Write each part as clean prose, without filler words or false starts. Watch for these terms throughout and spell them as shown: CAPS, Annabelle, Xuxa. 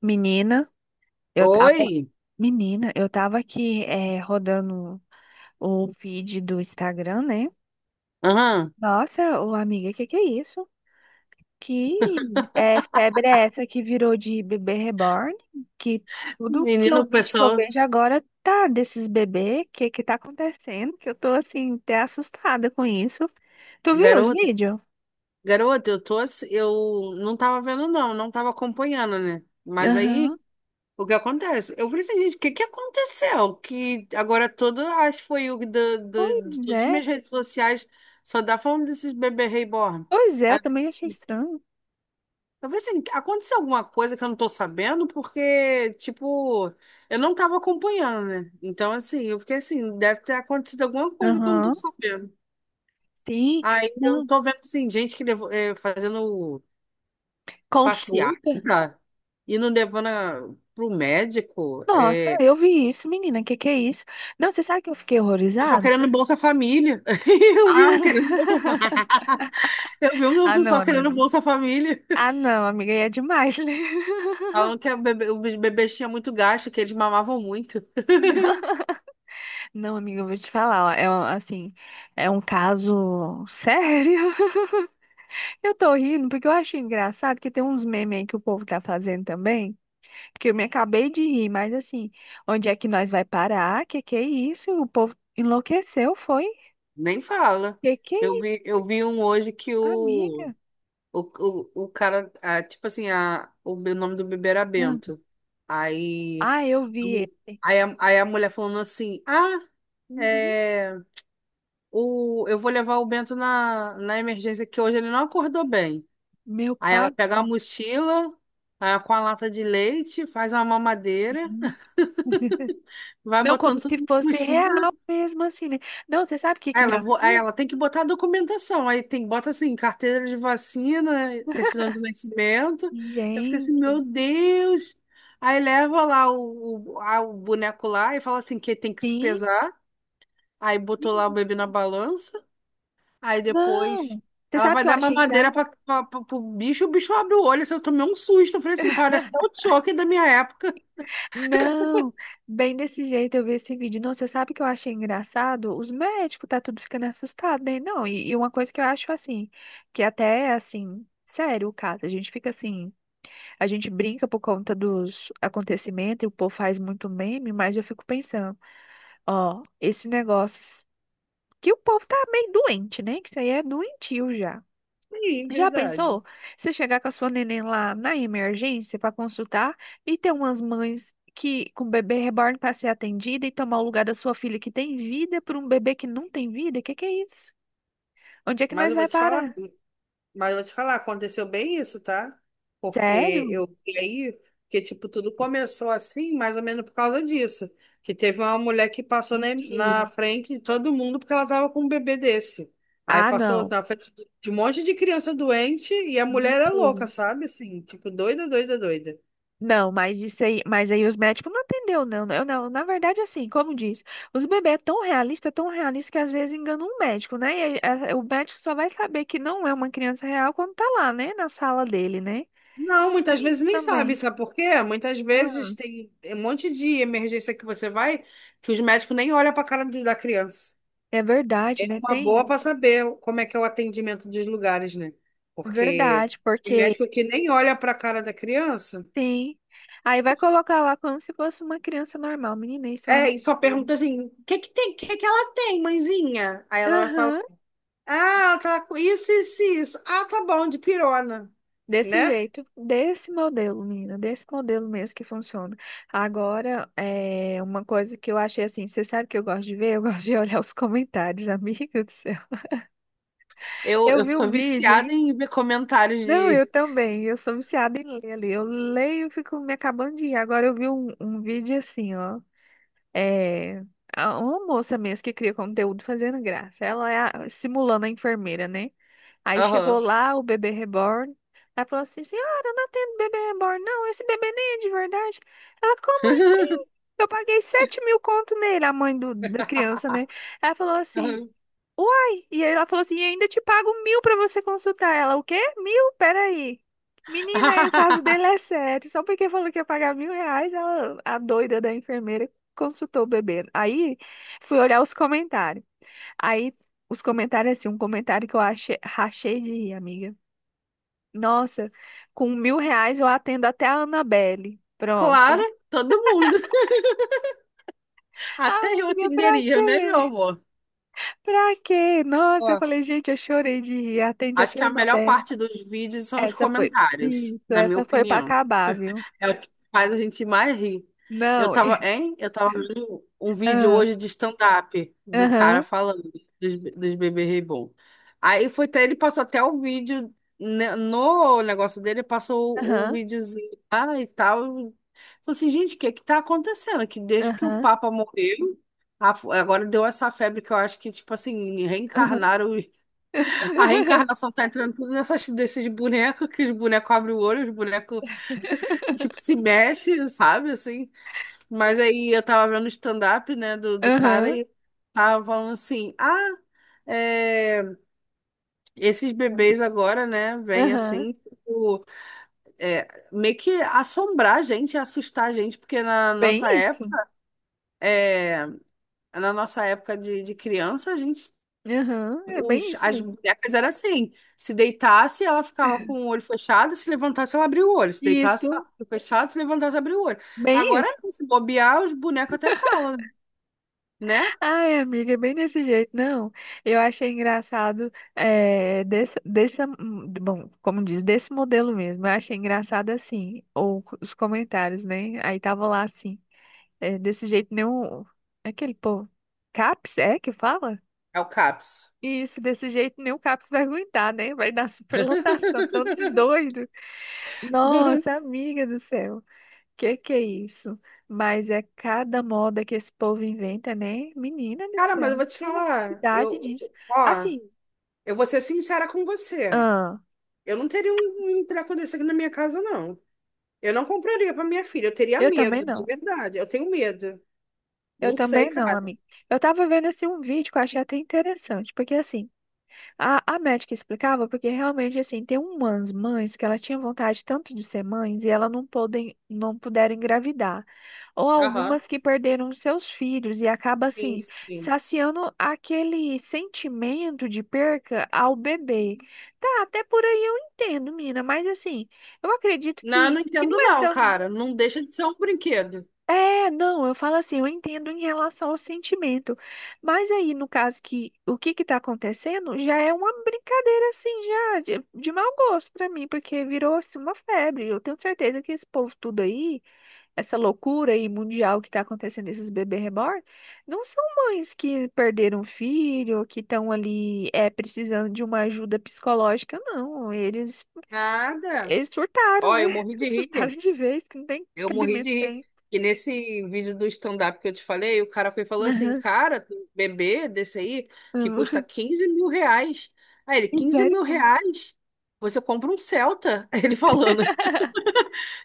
Menina, eu tava, Oi? Menina, eu tava aqui é rodando o feed do Instagram, né? Aham. Nossa, ô amiga, que é isso? Que febre é essa que virou de bebê reborn? Que tudo Menino, o que eu pessoal, vejo agora tá desses bebês. Que tá acontecendo? Que eu tô assim, até assustada com isso. Tu viu os garota, vídeos? garota, eu não tava vendo não, não tava acompanhando, né? Mas aí, Aham. o que acontece? Eu falei assim, gente, o que que aconteceu? Que agora todo, acho que foi de Pois todas as é. minhas redes sociais, só dá falando desses bebê reborn. Pois é, Aí, eu também achei estranho. eu falei assim, aconteceu alguma coisa que eu não tô sabendo? Porque, tipo, eu não tava acompanhando, né? Então, assim, eu fiquei assim, deve ter acontecido alguma coisa que eu não tô Aham. sabendo. Sim. Aí eu Não. tô vendo, assim, gente que levou, fazendo passeata Consulta. e não levando pro médico. Nossa, É, eu vi isso, menina. Que é isso? Não, você sabe que eu fiquei pessoal horrorizada? querendo Bolsa Família. Eu vi um querendo Bolsa Ah, Família. Eu vi um ah, não, pessoal querendo amiga. Bolsa Família. Ah, não, amiga, aí é demais, né? Falando que a bebê, os bebês tinham muito gasto, que eles mamavam muito. Não, amiga, eu vou te falar, ó, assim, é um caso sério. Eu tô rindo porque eu acho engraçado que tem uns memes aí que o povo tá fazendo também, que eu me acabei de rir, mas assim, onde é que nós vai parar? Que é isso? O povo enlouqueceu, foi? Nem fala. Que Eu é isso, vi, eu vi um hoje que amiga? O, o cara, tipo assim, nome do bebê era Ah, Bento. Aí, Ah, eu a vi mu- esse. aí, a, aí a mulher falando assim: Ah, Uhum. é, eu vou levar o Bento na emergência, que hoje ele não acordou bem. Meu Aí ela pai, pega a mochila, com a lata de leite, faz uma mamadeira, gente. vai Não, como botando se tudo na fosse mochila. real mesmo, assim, né? Não, você sabe o que Aí que me Ela, vo- aí assusta? ela tem que botar a documentação. Aí tem, bota assim, carteira de vacina, certidão de nascimento. Eu fico assim, Gente, meu Deus. Aí leva lá o boneco lá e fala assim que tem que se sim. pesar. Aí botou lá o Sim. bebê na balança. Aí depois Não, você ela sabe o vai que eu dar achei mamadeira pra, engraçado? pra, pra, pro bicho, o bicho abre o olho. Assim, eu tomei um susto. Eu falei assim, parece até o choque da minha época. Não, bem desse jeito eu vi esse vídeo. Não, você sabe o que eu achei engraçado? Os médicos tá tudo ficando assustado, né? Não, e uma coisa que eu acho assim, que até é, assim, sério o caso, a gente fica assim, a gente brinca por conta dos acontecimentos e o povo faz muito meme, mas eu fico pensando. Ó, esse negócio que o povo tá meio doente, né? Que isso aí é doentio já. Sim, Já verdade. pensou? Você chegar com a sua neném lá na emergência para consultar e ter umas mães que com bebê reborn para ser atendida e tomar o lugar da sua filha que tem vida por um bebê que não tem vida? Que é isso? Onde é que Mas nós eu vou vai te falar. parar? Mas eu vou te falar, aconteceu bem isso, tá? Sério? Porque eu e aí, que tipo, tudo começou assim, mais ou menos por causa disso. Que teve uma mulher que passou na Mentira. frente de todo mundo porque ela tava com um bebê desse. Aí Ah, passou não. na frente de um monte de criança doente e a mulher era Mentira. louca, sabe? Assim, tipo, doida, doida, doida. Não, mas isso aí, mas aí os médicos não atendeu, não, né? Eu não, na verdade, assim, como diz, os bebês é tão realista que às vezes engana um médico, né? E aí, o médico só vai saber que não é uma criança real quando tá lá, né? Na sala dele, né? Não, muitas Tem vezes isso nem sabe, também. sabe por quê? Muitas Ah, vezes tem um monte de emergência que você vai que os médicos nem olham para a cara da criança. é verdade, É né? uma Tem boa isso. para saber como é que é o atendimento dos lugares, né? É Porque verdade, tem porque médico que nem olha para a cara da criança, sim. Aí vai colocar lá como se fosse uma criança normal. Menina, isso é um e só absurdo. pergunta assim: o que que tem? O que que ela tem, mãezinha? Aí ela vai falar: Aham. ah, ela tá com isso, isso, e isso. Ah, tá bom, de pirona, Desse né? jeito, desse modelo, menina, desse modelo mesmo que funciona. Agora, é uma coisa que eu achei assim, você sabe que eu gosto de ver? Eu gosto de olhar os comentários, amiga do céu. Eu, Eu eu vi o sou vídeo. viciada em ver comentários Não, eu de. também, eu sou viciada em ler ali. Eu leio e fico me acabando de ir. Agora eu vi um vídeo assim, ó. É, uma moça mesmo que cria conteúdo fazendo graça. Ela é simulando a enfermeira, né? Aí chegou Aham. lá o bebê reborn. Ela falou assim: Senhora, eu não atendo bebê reborn, não. Esse bebê nem é de verdade. Ela, como assim? Eu paguei 7 mil conto nele, a mãe do, da criança, né? Ela falou assim: Aham. Uai! E aí ela falou assim: E ainda te pago mil pra você consultar. Ela, o quê? Mil? Peraí. Menina, aí o caso dele é sério. Só porque falou que ia pagar mil reais, ela, a doida da enfermeira consultou o bebê. Aí fui olhar os comentários. Aí, os comentários, assim, um comentário que eu achei, rachei de rir, amiga. Nossa, com mil reais eu atendo até a Annabelle. Pronto. Claro, todo mundo. Até eu Amiga, pra atenderia, né, meu quê? amor? Pra quê? Nossa, eu Ó, falei, gente, eu chorei de rir. Atende acho até que a a melhor Annabelle. parte dos vídeos são os Essa foi. comentários, Isso, na minha essa foi pra opinião. acabar, viu? É o que faz a gente mais rir. Eu Não. tava, hein? Eu tava vendo um vídeo Ah, hoje de stand-up do cara aham, falando dos bebês reborn. Aí foi até, ele passou até o vídeo né, no negócio dele, passou o aham, videozinho lá e tal. Falei assim, gente, o que é que tá acontecendo? Que desde que o aham, Papa morreu, agora deu essa febre que eu acho que, tipo assim, aham. reencarnaram a reencarnação tá entrando tudo desses bonecos, que os bonecos abrem o olho, os bonecos, tipo, se mexem, sabe, assim. Mas aí eu tava vendo o stand-up, né, do cara Aham, e tava falando assim, é, esses bebês agora, né, vêm aham. assim, tipo, é, meio que assombrar a gente, assustar a gente, porque na Bem nossa isso. época, é, na nossa época de criança, a gente Aham, é bem os, isso as mesmo. bonecas era assim. Se deitasse, ela ficava com o olho fechado, se levantasse, ela abria o olho. Se deitasse, ficava Isso. com o olho fechado, se levantasse, abria o olho. Bem Agora, isso. não, se bobear, os bonecos até falam, né? Ai, amiga, é bem desse jeito. Não, eu achei engraçado é, bom, como diz, desse modelo mesmo. Eu achei engraçado assim, ou os comentários, né? Aí tava lá assim, é, desse jeito nem o é aquele povo, CAPS é que fala? É o CAPS. Isso, desse jeito nem o CAPS vai aguentar, né? Vai dar superlotação, tanto de doido. Nossa, amiga do céu. Que é isso? Mas é cada moda que esse povo inventa, né? Menina do Cara, mas céu, eu vou te tem falar, necessidade disso. ó, Assim, eu vou ser sincera com você. ah, Eu não teria um treco desse aqui na minha casa, não. Eu não compraria para minha filha, eu teria eu também medo, de não. verdade. Eu tenho medo. Eu Não sei, também não, cara. amiga. Eu tava vendo assim um vídeo que eu achei até interessante, porque assim, a médica explicava porque realmente, assim, tem umas mães que ela tinha vontade tanto de ser mães e ela não podem, não puderam engravidar. Ou Aham. algumas que perderam os seus filhos e acaba, Sim, assim, sim. saciando aquele sentimento de perca ao bebê. Tá, até por aí eu entendo, mina, mas assim, eu acredito Não, que, não que entendo não é não, tão cara. Não deixa de ser um brinquedo. é, não, eu falo assim, eu entendo em relação ao sentimento, mas aí no caso que o que que tá acontecendo já é uma brincadeira assim já de mau gosto pra mim, porque virou assim uma febre. Eu tenho certeza que esse povo tudo aí, essa loucura aí mundial que tá acontecendo esses bebês reborn, não são mães que perderam um filho, que estão ali é precisando de uma ajuda psicológica, não. Eles Nada. eles surtaram, Ó, né? eu morri de rir. Surtaram de vez, que não tem Eu morri cabimento de rir. tem. Que nesse vídeo do stand-up que eu te falei, o cara foi e falou assim, Aham. cara, tem um bebê desse aí que custa R$ 15.000. Aí ele, 15 mil Misericórdia. reais? Você compra um Celta. Ele falando.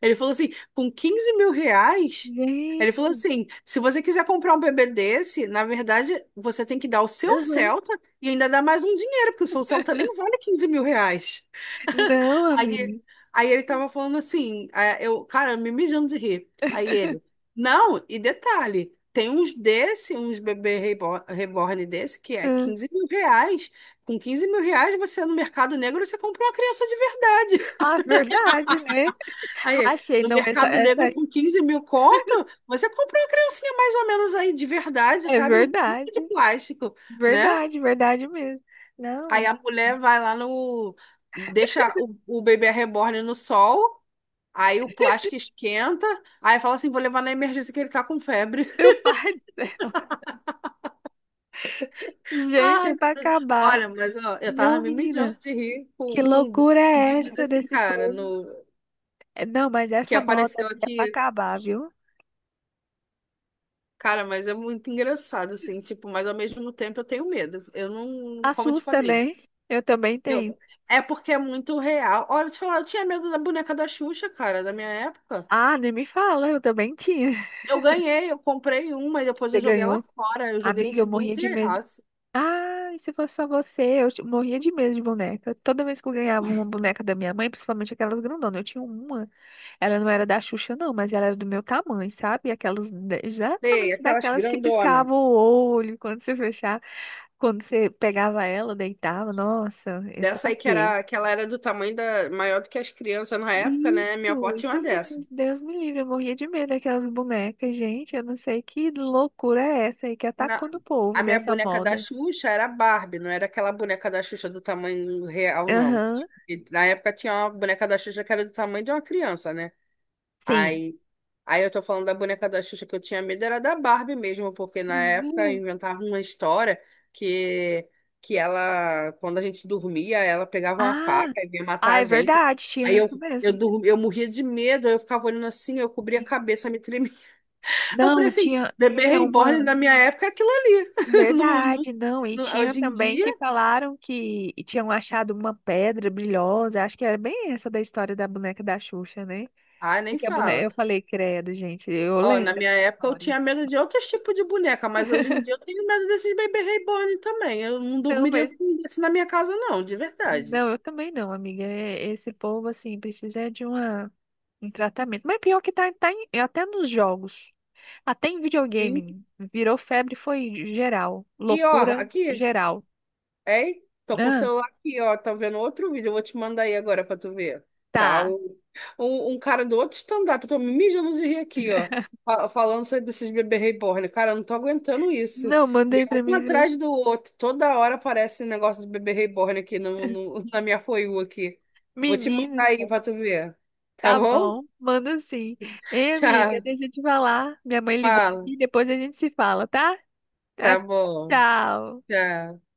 Ele falou assim, com R$ 15.000? Ele falou Gente. assim, se você quiser comprar um bebê desse, na verdade, você tem que dar o seu Aham. Celta e ainda dar mais um dinheiro, porque o seu Celta nem vale R$ 15.000. Não, Aí, amiga. aí ele tava falando assim, cara, me mijando de rir. Aí ele, não, e detalhe, tem uns desse, uns bebê reborn desse, que é Ah, R$ 15.000. Com R$ 15.000, você no mercado negro, você compra uma criança de verdade. ah, verdade, né? Aí, Achei, no não, essa, mercado essa negro, com 15 mil conto, você compra uma criancinha mais ou menos aí de verdade, é sabe? Não precisa verdade. de plástico, né? Verdade, verdade mesmo. Aí Não, a mulher vai lá no. Deixa o bebê reborn no sol, aí o plástico esquenta, aí fala assim: vou levar na emergência que ele tá com febre. meu pai do céu. Gente, é Ai, pra acabar. olha, mas ó, eu tava Não, me mijando menina, de rir que com loucura um é vídeo essa desse desse cara povo? no, É, não, mas que essa moda aí apareceu é pra aqui. acabar, viu? Cara, mas é muito engraçado, assim, tipo, mas ao mesmo tempo eu tenho medo. Eu não, como eu te Assusta, falei, né? Eu também eu, tenho. é porque é muito real. Olha, te falar, eu tinha medo da boneca da Xuxa, cara, da minha época. Ah, nem me fala, eu também tinha. Eu ganhei, eu comprei uma e depois Você eu joguei ela ganhou? fora. Eu joguei em Amiga, eu cima do morria de medo. Terraço. Ah, se fosse só você, morria de medo de boneca. Toda vez que eu ganhava uma boneca da minha mãe, principalmente aquelas grandonas, eu tinha uma. Ela não era da Xuxa, não, mas ela era do meu tamanho, sabe? Aquelas, Sei, exatamente aquelas daquelas que grandona. piscavam o olho quando você fechava, quando você pegava ela, deitava. Nossa, é Dessa pra aí que quê? era, que ela era do tamanho maior do que as crianças na época, né? Minha avó Isso tinha uma dessa. mesmo. Deus me livre, eu morria de medo daquelas bonecas, gente. Eu não sei que loucura é essa aí que Na- atacou no povo A minha dessa boneca da moda. Xuxa era Barbie, não era aquela boneca da Xuxa do tamanho real, não. Aham. E na época tinha uma boneca da Xuxa que era do tamanho de uma criança, né? Sim. Aí, aí eu tô falando da boneca da Xuxa que eu tinha medo, era da Barbie mesmo, porque na época Uhum. inventava uma história que, que ela, quando a gente dormia, ela pegava uma faca Ah, e vinha matar ah, é a gente. verdade, tinha Aí eu, isso eu, mesmo. dormi, eu morria de medo, eu ficava olhando assim, eu cobria a Sim. cabeça, me tremia eu Não, falei e assim, tinha, bebê tinha reborn uma. na minha época é aquilo ali. Não- não- Verdade, não. E tinha hoje em também dia, que falaram que tinham achado uma pedra brilhosa. Acho que era bem essa da história da boneca da Xuxa, né? ah, nem Porque a boneca, fala. eu falei, credo, gente, eu Ó, lembro na dessa minha época eu história. tinha medo de outros tipos de boneca, mas hoje em dia eu tenho medo desses bebê reborn também. Eu não Não, dormiria mas. com um desse na minha casa, não, de verdade. Não, eu também não, amiga. É- Esse povo, assim, precisa é de uma, um tratamento. Mas pior que tá, até nos jogos. Até em Sim. videogame virou febre, foi geral. E ó, Loucura aqui. geral. Ei, tô com o Ah, celular aqui, ó. Tá vendo outro vídeo. Eu vou te mandar aí agora pra tu ver. Tá? tá. Um cara do outro stand-up. Eu tô me mijando de rir aqui, ó. Falando sobre esses bebês reborn. Cara, eu não tô aguentando isso. Não, E mandei é pra um mim ver. atrás do outro. Toda hora aparece um negócio de bebê reborn aqui na minha For You aqui. Vou te mandar Menino, aí pra tu ver. Tá tá bom? bom. Manda sim. Ei, amiga, Tchau. deixa eu te falar. Minha mãe ligou Fala. aqui, depois a gente se fala, tá? Tá, Tá bom. tchau. Tchau.